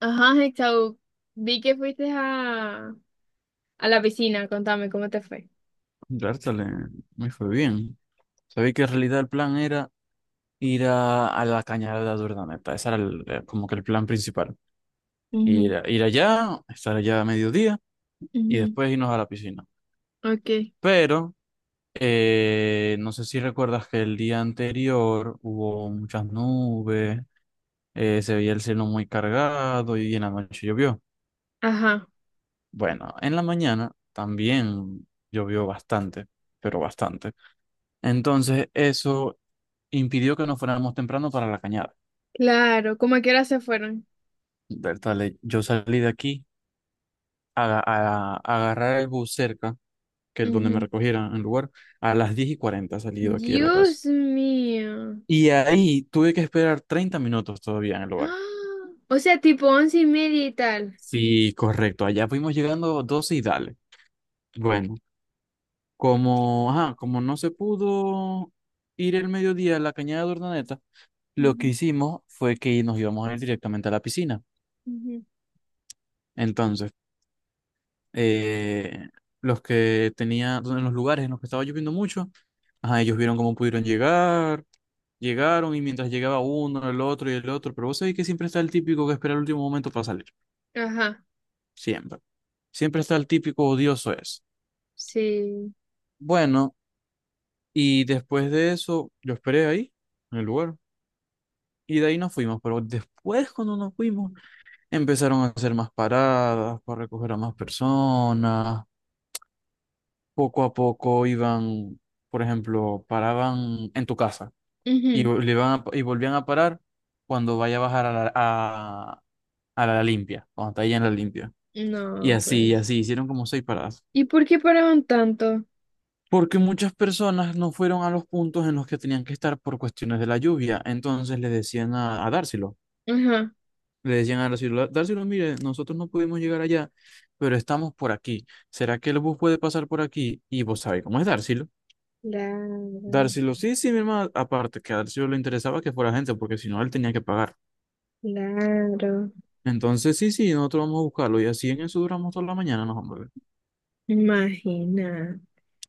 Ajá, Hexau, vi que fuiste a la piscina, contame cómo te fue. Bertale, me fue bien. Sabía que en realidad el plan era ir a la cañada de Urdaneta. Ese era como que el plan principal. Ujú, Ir allá, estar allá a mediodía y ujú. después irnos a la piscina. Ok. Pero no sé si recuerdas que el día anterior hubo muchas nubes, se veía el cielo muy cargado y en la noche llovió. Ajá, Bueno, en la mañana también llovió bastante, pero bastante. Entonces, eso impidió que nos fuéramos temprano para la cañada. claro, ¿cómo a qué hora se fueron? Del tal, yo salí de aquí a agarrar el bus cerca, que es donde me Ujú. recogieran el lugar, a las 10:40 salí de aquí de la casa. Dios mío. Y ahí tuve que esperar 30 minutos todavía en el lugar. ¡Ah! O sea, tipo once y media y tal. Sí, correcto, allá fuimos llegando 12 y dale. Bueno, como, ajá, como no se pudo ir el mediodía a la cañada de Urdaneta, lo que Ujú, hicimos fue que nos íbamos a ir directamente a la piscina. ujú. Entonces, eh, los que tenía, en los lugares en los que estaba lloviendo mucho, ajá, ellos vieron cómo pudieron llegar, llegaron y mientras llegaba uno, el otro y el otro, pero vos sabés que siempre está el típico que espera el último momento para salir, Ajá, siempre, siempre está el típico odioso es. sí. Bueno, y después de eso, yo esperé ahí, en el lugar, y de ahí nos fuimos, pero después cuando nos fuimos, empezaron a hacer más paradas para recoger a más personas poco a poco iban, por ejemplo, paraban en tu casa y, Ujú. Y volvían a parar cuando vaya a bajar a la limpia, cuando está ahí en la limpia. No, Y pues. así, hicieron como seis paradas. ¿Y por qué paraban tanto? Porque muchas personas no fueron a los puntos en los que tenían que estar por cuestiones de la lluvia. Entonces le decían a Dárselo, Ajá. le decían a Dárselo, Dárselo, mire, nosotros no pudimos llegar allá, pero estamos por aquí. ¿Será que el bus puede pasar por aquí? Y vos sabés cómo es Dárselo. Claro, Darcylo, sí, sí, mi hermano, aparte que a Darcylo le interesaba que fuera gente, porque si no, él tenía que pagar. claro. Entonces, sí, sí, nosotros vamos a buscarlo y así en eso duramos toda la mañana, nos vamos. Imagina.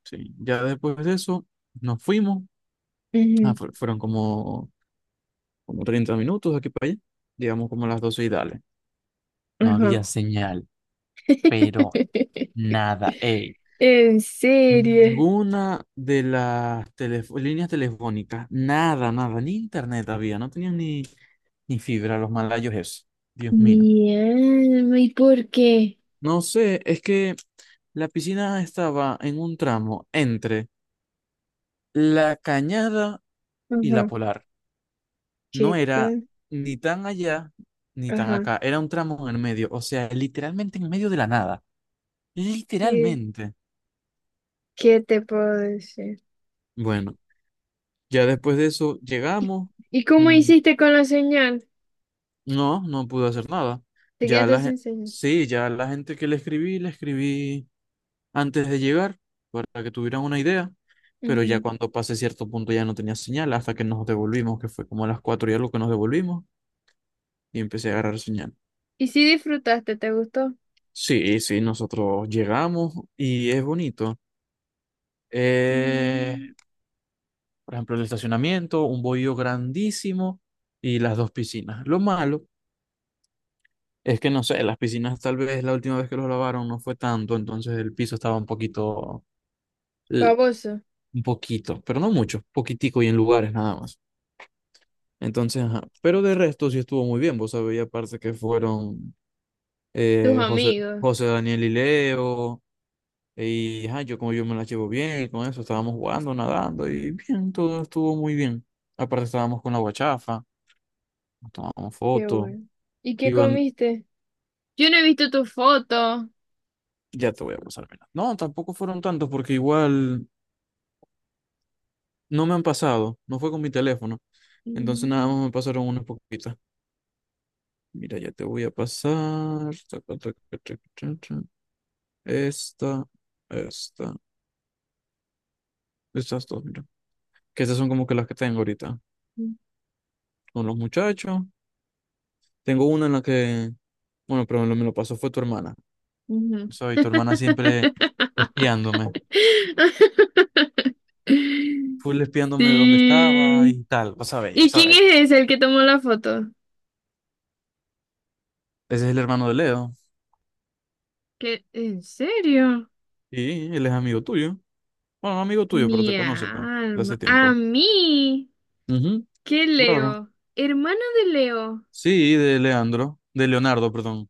Sí, ya después de eso nos fuimos. Ujú, Fueron como, 30 minutos de aquí para allá, digamos como las doce y dale. No ajá. había señal, pero nada, ey. En serio. Ninguna de las líneas telefónicas, nada, nada, ni internet había, no tenían ni fibra los malayos eso. Dios mío. Mi alma, ¿y por qué? No sé, es que la piscina estaba en un tramo entre la Cañada y la Ajá. Polar. No ¿Qué era tal? ni tan allá ni tan Ajá. acá, era un tramo en el medio, o sea, literalmente en medio de la nada, ¿Qué, literalmente. qué te puedo decir? Bueno, ya después de eso ¿Y, llegamos. y cómo mm, hiciste con la señal? no, no pude hacer nada. Te Ya quedaste la, gen- sin señal. sí, ya la gente que le escribí antes de llegar para que tuvieran una idea, pero ya Ujú. cuando pasé cierto punto ya no tenía señal hasta que nos devolvimos, que fue como a las cuatro y algo que nos devolvimos y empecé a agarrar señal. ¿Y si disfrutaste? ¿Te gustó? Sí, sí, nosotros llegamos y es bonito. Eh, Mm, por ejemplo, el estacionamiento, un bohío grandísimo y las dos piscinas. Lo malo es que no sé, las piscinas tal vez la última vez que los lavaron no fue tanto, entonces el piso estaba eh, famoso. un poquito, pero no mucho, poquitico y en lugares nada más. Entonces, ajá. Pero de resto sí estuvo muy bien, vos sabéis, aparte que fueron Tus amigos. José Daniel y Leo, y ajá, yo como yo me la llevo bien, y con eso estábamos jugando, nadando, y bien, todo estuvo muy bien. Aparte estábamos con la guachafa, nos tomábamos Qué fotos, bueno. ¿Y qué iban, comiste? Yo no he visto tu foto. ya te voy a pasar, mira. No, tampoco fueron tantos, porque igual no me han pasado, no fue con mi teléfono. Entonces nada más Mm, me pasaron unas poquitas. Mira, ya te voy a pasar. Esta, esta, estas dos, mira. Que estas son como que las que tengo ahorita. Con los muchachos. Tengo una en la que, bueno, pero me lo pasó fue tu hermana. ujú. ¿Sabes? Y tu hermana siempre espiándome. Full espiándome de dónde estaba Sí. y tal. Vos sabés, yo ¿Y quién sabés. es ese el que tomó la foto? Ese es el hermano de Leo. ¿Qué? ¿En serio? Y él es amigo tuyo. Bueno, no amigo tuyo, pero te Mi conoce, pues, de hace alma. A tiempo. mí. Ujú, ¿Qué claro. Leo? Hermano de Leo. Sí, de Leandro. De Leonardo, perdón.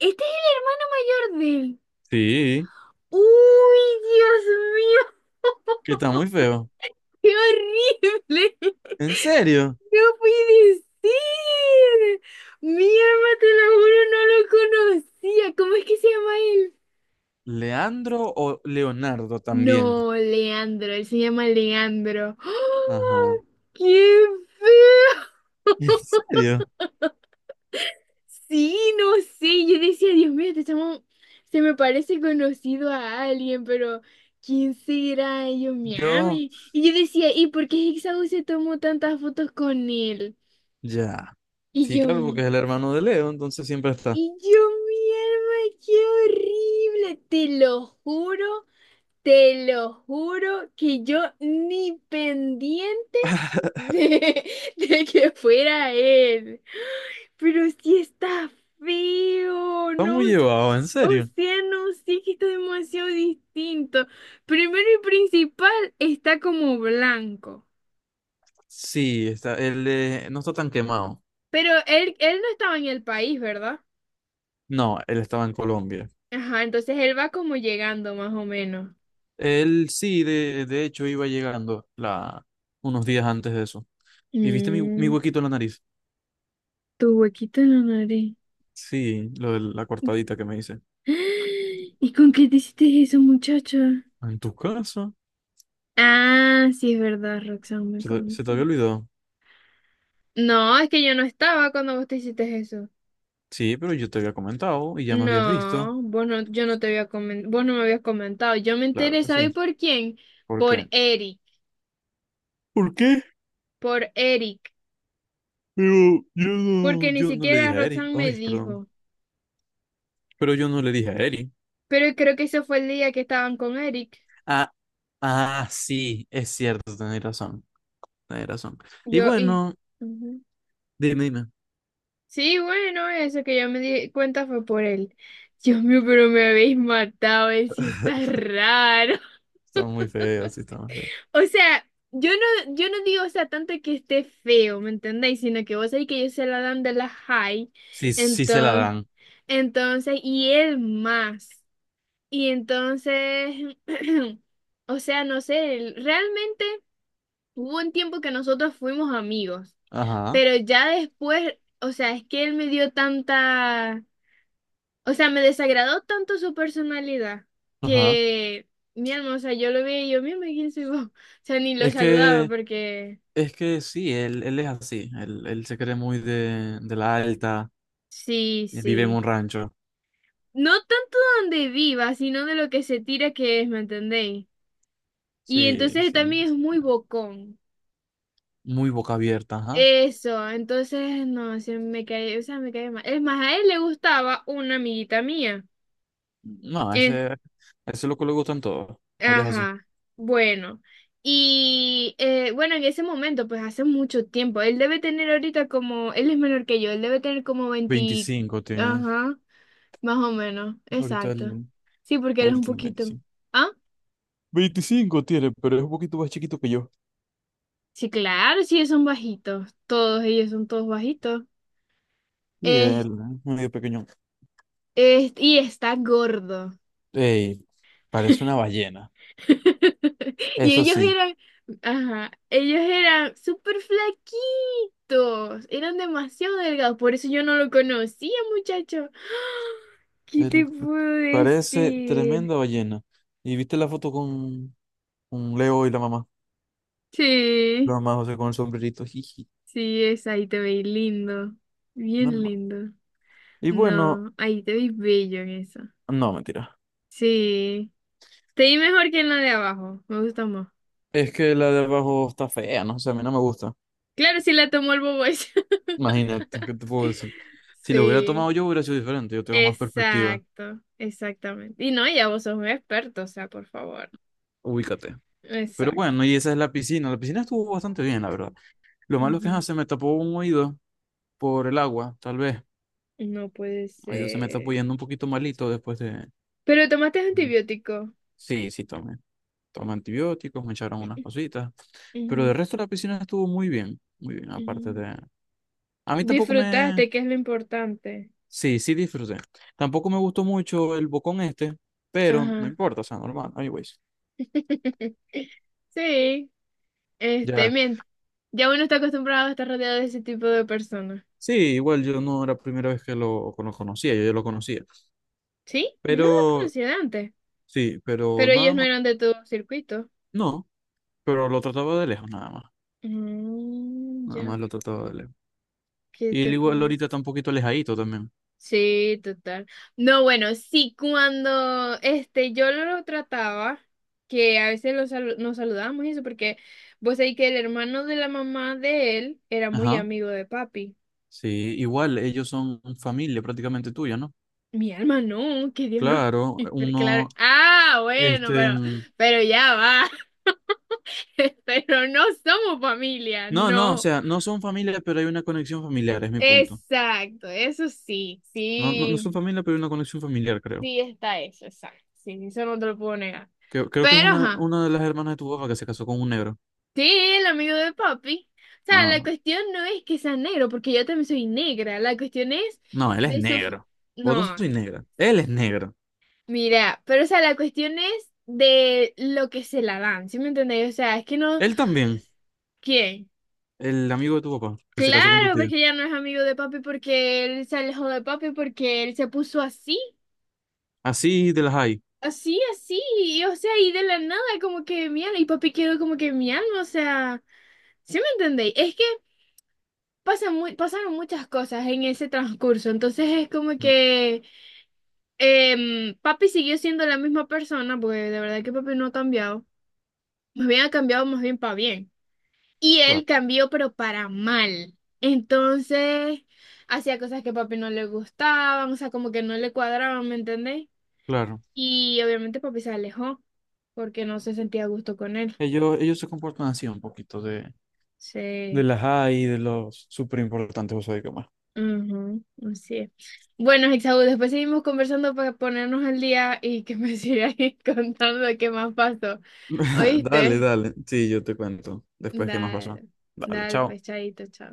Este es el hermano mayor de él. Sí, Uy, Dios mío, que está muy feo. qué horrible. ¿En serio? No puede ser. Mi alma, te lo juro, no lo conocía. ¿Cómo es que se llama él? Leandro o Leonardo también. No, Leandro, él se llama Leandro. Ajá. ¡Ah! ¡Qué feo! ¿En serio? Sí, no sé, yo decía, Dios mío, este chamo se me parece conocido a alguien, pero ¿quién será? Y yo me Yo, ame. Y yo decía, ¿y por qué Hexau se tomó tantas fotos con él? ya. Y Sí, yo, claro, porque mi, es el hermano de Leo, entonces siempre está. y yo, mi alma, qué horrible, te lo juro. Te lo juro que yo ni pendiente de, de que fuera él. Pero sí está feo, Está muy no, s- llevado, en o serio. sea, no sé que está demasiado distinto. Primero y principal, está como blanco. Sí, está, él no está tan quemado. Pero él no estaba en el país, ¿verdad? No, él estaba en Colombia. Ajá, entonces él va como llegando más o menos. Él sí, de hecho, iba llegando la, unos días antes de eso. ¿Y viste mi Mm, huequito en la nariz? tu huequito en la nariz. Sí, lo de la cortadita que me hice. ¿Y con qué te hiciste eso, muchacha? ¿En tu casa? Ah, sí, es verdad, Roxanne me ¿Se te contó. había olvidado? No, es que yo no estaba cuando vos te hiciste eso. Sí, pero yo te había comentado y ya me habías visto. No, vos no, yo no te había comen- vos no me habías comentado. Yo me Claro enteré, que ¿sabes sí. por quién? ¿Por Por qué? Eric, ¿Por qué? por Eric, Pero yo porque no, ni yo no le siquiera dije a Eric. Roxanne me Ay, perdón. dijo. Pero yo no le dije a Eric. Pero creo que ese fue el día que estaban con Eric. Ah, ah, sí, es cierto, tenés razón. Tenés razón. Y Yo y... bueno, Ujú. dime, dime. Sí, bueno, eso que yo me di cuenta fue por él. Dios mío, pero me habéis matado, si está raro. Está muy feo, sí, está muy feo. O sea, yo no, yo no digo, o sea, tanto que esté feo, ¿me entendéis? Sino que vos sabéis que ellos se la dan de la high, Sí, sí se la entonces, dan. entonces, y él más. Y entonces, o sea, no sé, él- realmente hubo un tiempo que nosotros fuimos amigos, Ajá, pero ya después, o sea, es que él me dio tanta. O sea, me desagradó tanto su personalidad ajá. que, mi alma, o sea, yo lo vi y yo, mira, ¿quién soy vos? O sea, ni lo Es saludaba que, porque, es que sí, él es así. Él se cree muy de la alta. sí, Vive en sí. un rancho. No tanto donde viva, sino de lo que se tira que es, ¿me entendéis? Y Sí, entonces sí, también es sí. muy bocón. Muy boca abierta, ajá. Eso, entonces, no, se me cae, o sea, me cae mal. Es más, a él le gustaba una amiguita mía. No, ese es lo que le gustan todos. Él es así. Ajá, bueno. Y bueno, en ese momento, pues hace mucho tiempo, él debe tener ahorita como, él es menor que yo, él debe tener como 20, 25 tiene. ajá, más o menos, Ahorita exacto. él, Sí, porque él es él un tiene poquito. veinticinco ¿Ah? veinticinco tiene, pero es un poquito más chiquito que yo. Sí, claro, sí, ellos son bajitos, todos ellos son todos bajitos. Y Es, él, ¿eh? Medio pequeño. es, y está gordo. Ey, parece una ballena. Y Eso ellos sí, eran, ajá, ellos eran súper flaquitos, eran demasiado delgados, por eso yo no lo conocía, muchacho. ¿Qué te él puedo parece decir? tremenda ballena. ¿Y viste la foto con, Leo y la mamá? La Sí, mamá José con el sombrerito. Jiji, sí, es ahí te veis lindo, bien normal. lindo. Y bueno, No, ahí te veis bello en eso. no, mentira. Sí, te vi mejor que en la de abajo, me gusta más. Es que la de abajo está fea, no sé, a mí no me gusta. Claro, sí la tomó el bobo ese. Imagínate, ¿qué te puedo decir? Si lo hubiera tomado Sí. yo, hubiera sido diferente. Yo tengo más perspectiva. Exacto, exactamente. Y no, ya vos sos un experto, o sea, por favor. Ubícate. Pero Exacto. bueno, y esa es la piscina. La piscina estuvo bastante bien, la verdad. Lo malo es que ajá, Ujú. se me tapó un oído por el agua, tal vez. No puede Oído se me está ser. apoyando un poquito malito después de. Pero tomaste De. antibiótico. Sí, sí, tomé. Tomé antibióticos, me echaron unas cositas. Pero de Ujú, resto, la piscina estuvo muy bien. Muy bien, aparte ujú. de. A mí tampoco me. Disfrutaste, que es lo importante. Sí, sí disfruté. Tampoco me gustó mucho el bocón este, pero no Ajá. importa, o sea, normal. Anyways. Sí, este, Ya. bien. Ya uno está acostumbrado a estar rodeado de ese tipo de personas. Sí, igual yo no era la primera vez que lo conocía, yo ya lo conocía. Sí, yo lo Pero, conocía antes, sí, pero pero ellos nada no más, eran de tu circuito. no, pero lo trataba de lejos nada más, Mm, nada ya, más lo trataba de lejos. ¿qué Y él te igual puedo? ahorita está un poquito alejadito también. Sí, total. No, bueno, sí, cuando este, yo lo trataba, que a veces lo salu- nos saludábamos y eso, porque vos sabés que el hermano de la mamá de él era muy Ajá, amigo de papi. sí, igual ellos son familia prácticamente tuya, ¿no? Mi alma no, que Dios no Claro, libre, uno, claro. Ah, bueno, este, mm, pero ya va. Pero no somos familia, no, no, o no. sea, no son familia, pero hay una conexión familiar, es mi punto. Exacto, eso sí, No, no, no son sí, familia, pero hay una conexión familiar, creo. sí está eso, exacto. Sí, eso no te lo puedo negar. Creo, creo que es Pero, una, ajá. una de las hermanas de tu papá que se casó con un negro. Sí, el amigo de papi. O sea, la Ah, cuestión no es que sea negro, porque yo también soy negra. La cuestión es no, él es de su... negro. Vos no No, sois negra. Él es negro. mira, pero o sea, la cuestión es de lo que se la dan, ¿sí me entendéis? O sea, es que no... Él también. ¿Quién? El amigo de tu papá, que se casó con tu Claro, tía. porque ya no es amigo de papi porque él se alejó de papi porque él se puso así, Así de las hay. así, así, y, o sea, y de la nada como que mi alma, y papi quedó como que mi alma, o sea, ¿sí me entendéis? Es que pasan mu- pasaron muchas cosas en ese transcurso, entonces es como Mm, que papi siguió siendo la misma persona, porque de verdad que papi no ha cambiado, más bien ha cambiado más bien para bien, y él claro, cambió pero para mal, entonces hacía cosas que a papi no le gustaban, o sea, como que no le cuadraban, ¿me entendéis? claro. Y obviamente papi se alejó, porque no se sentía a gusto con él, Ellos se comportan así un poquito de sí. las hay, de los súper importantes, vos sabés qué más. Ujú, así es. Bueno, Isaú, después seguimos conversando para ponernos al día y que me sigas contando qué más pasó. Dale, ¿Oíste? dale. Sí, yo te cuento después qué más pasó. Dale, Dale, dale, chao. pues chaito, chao.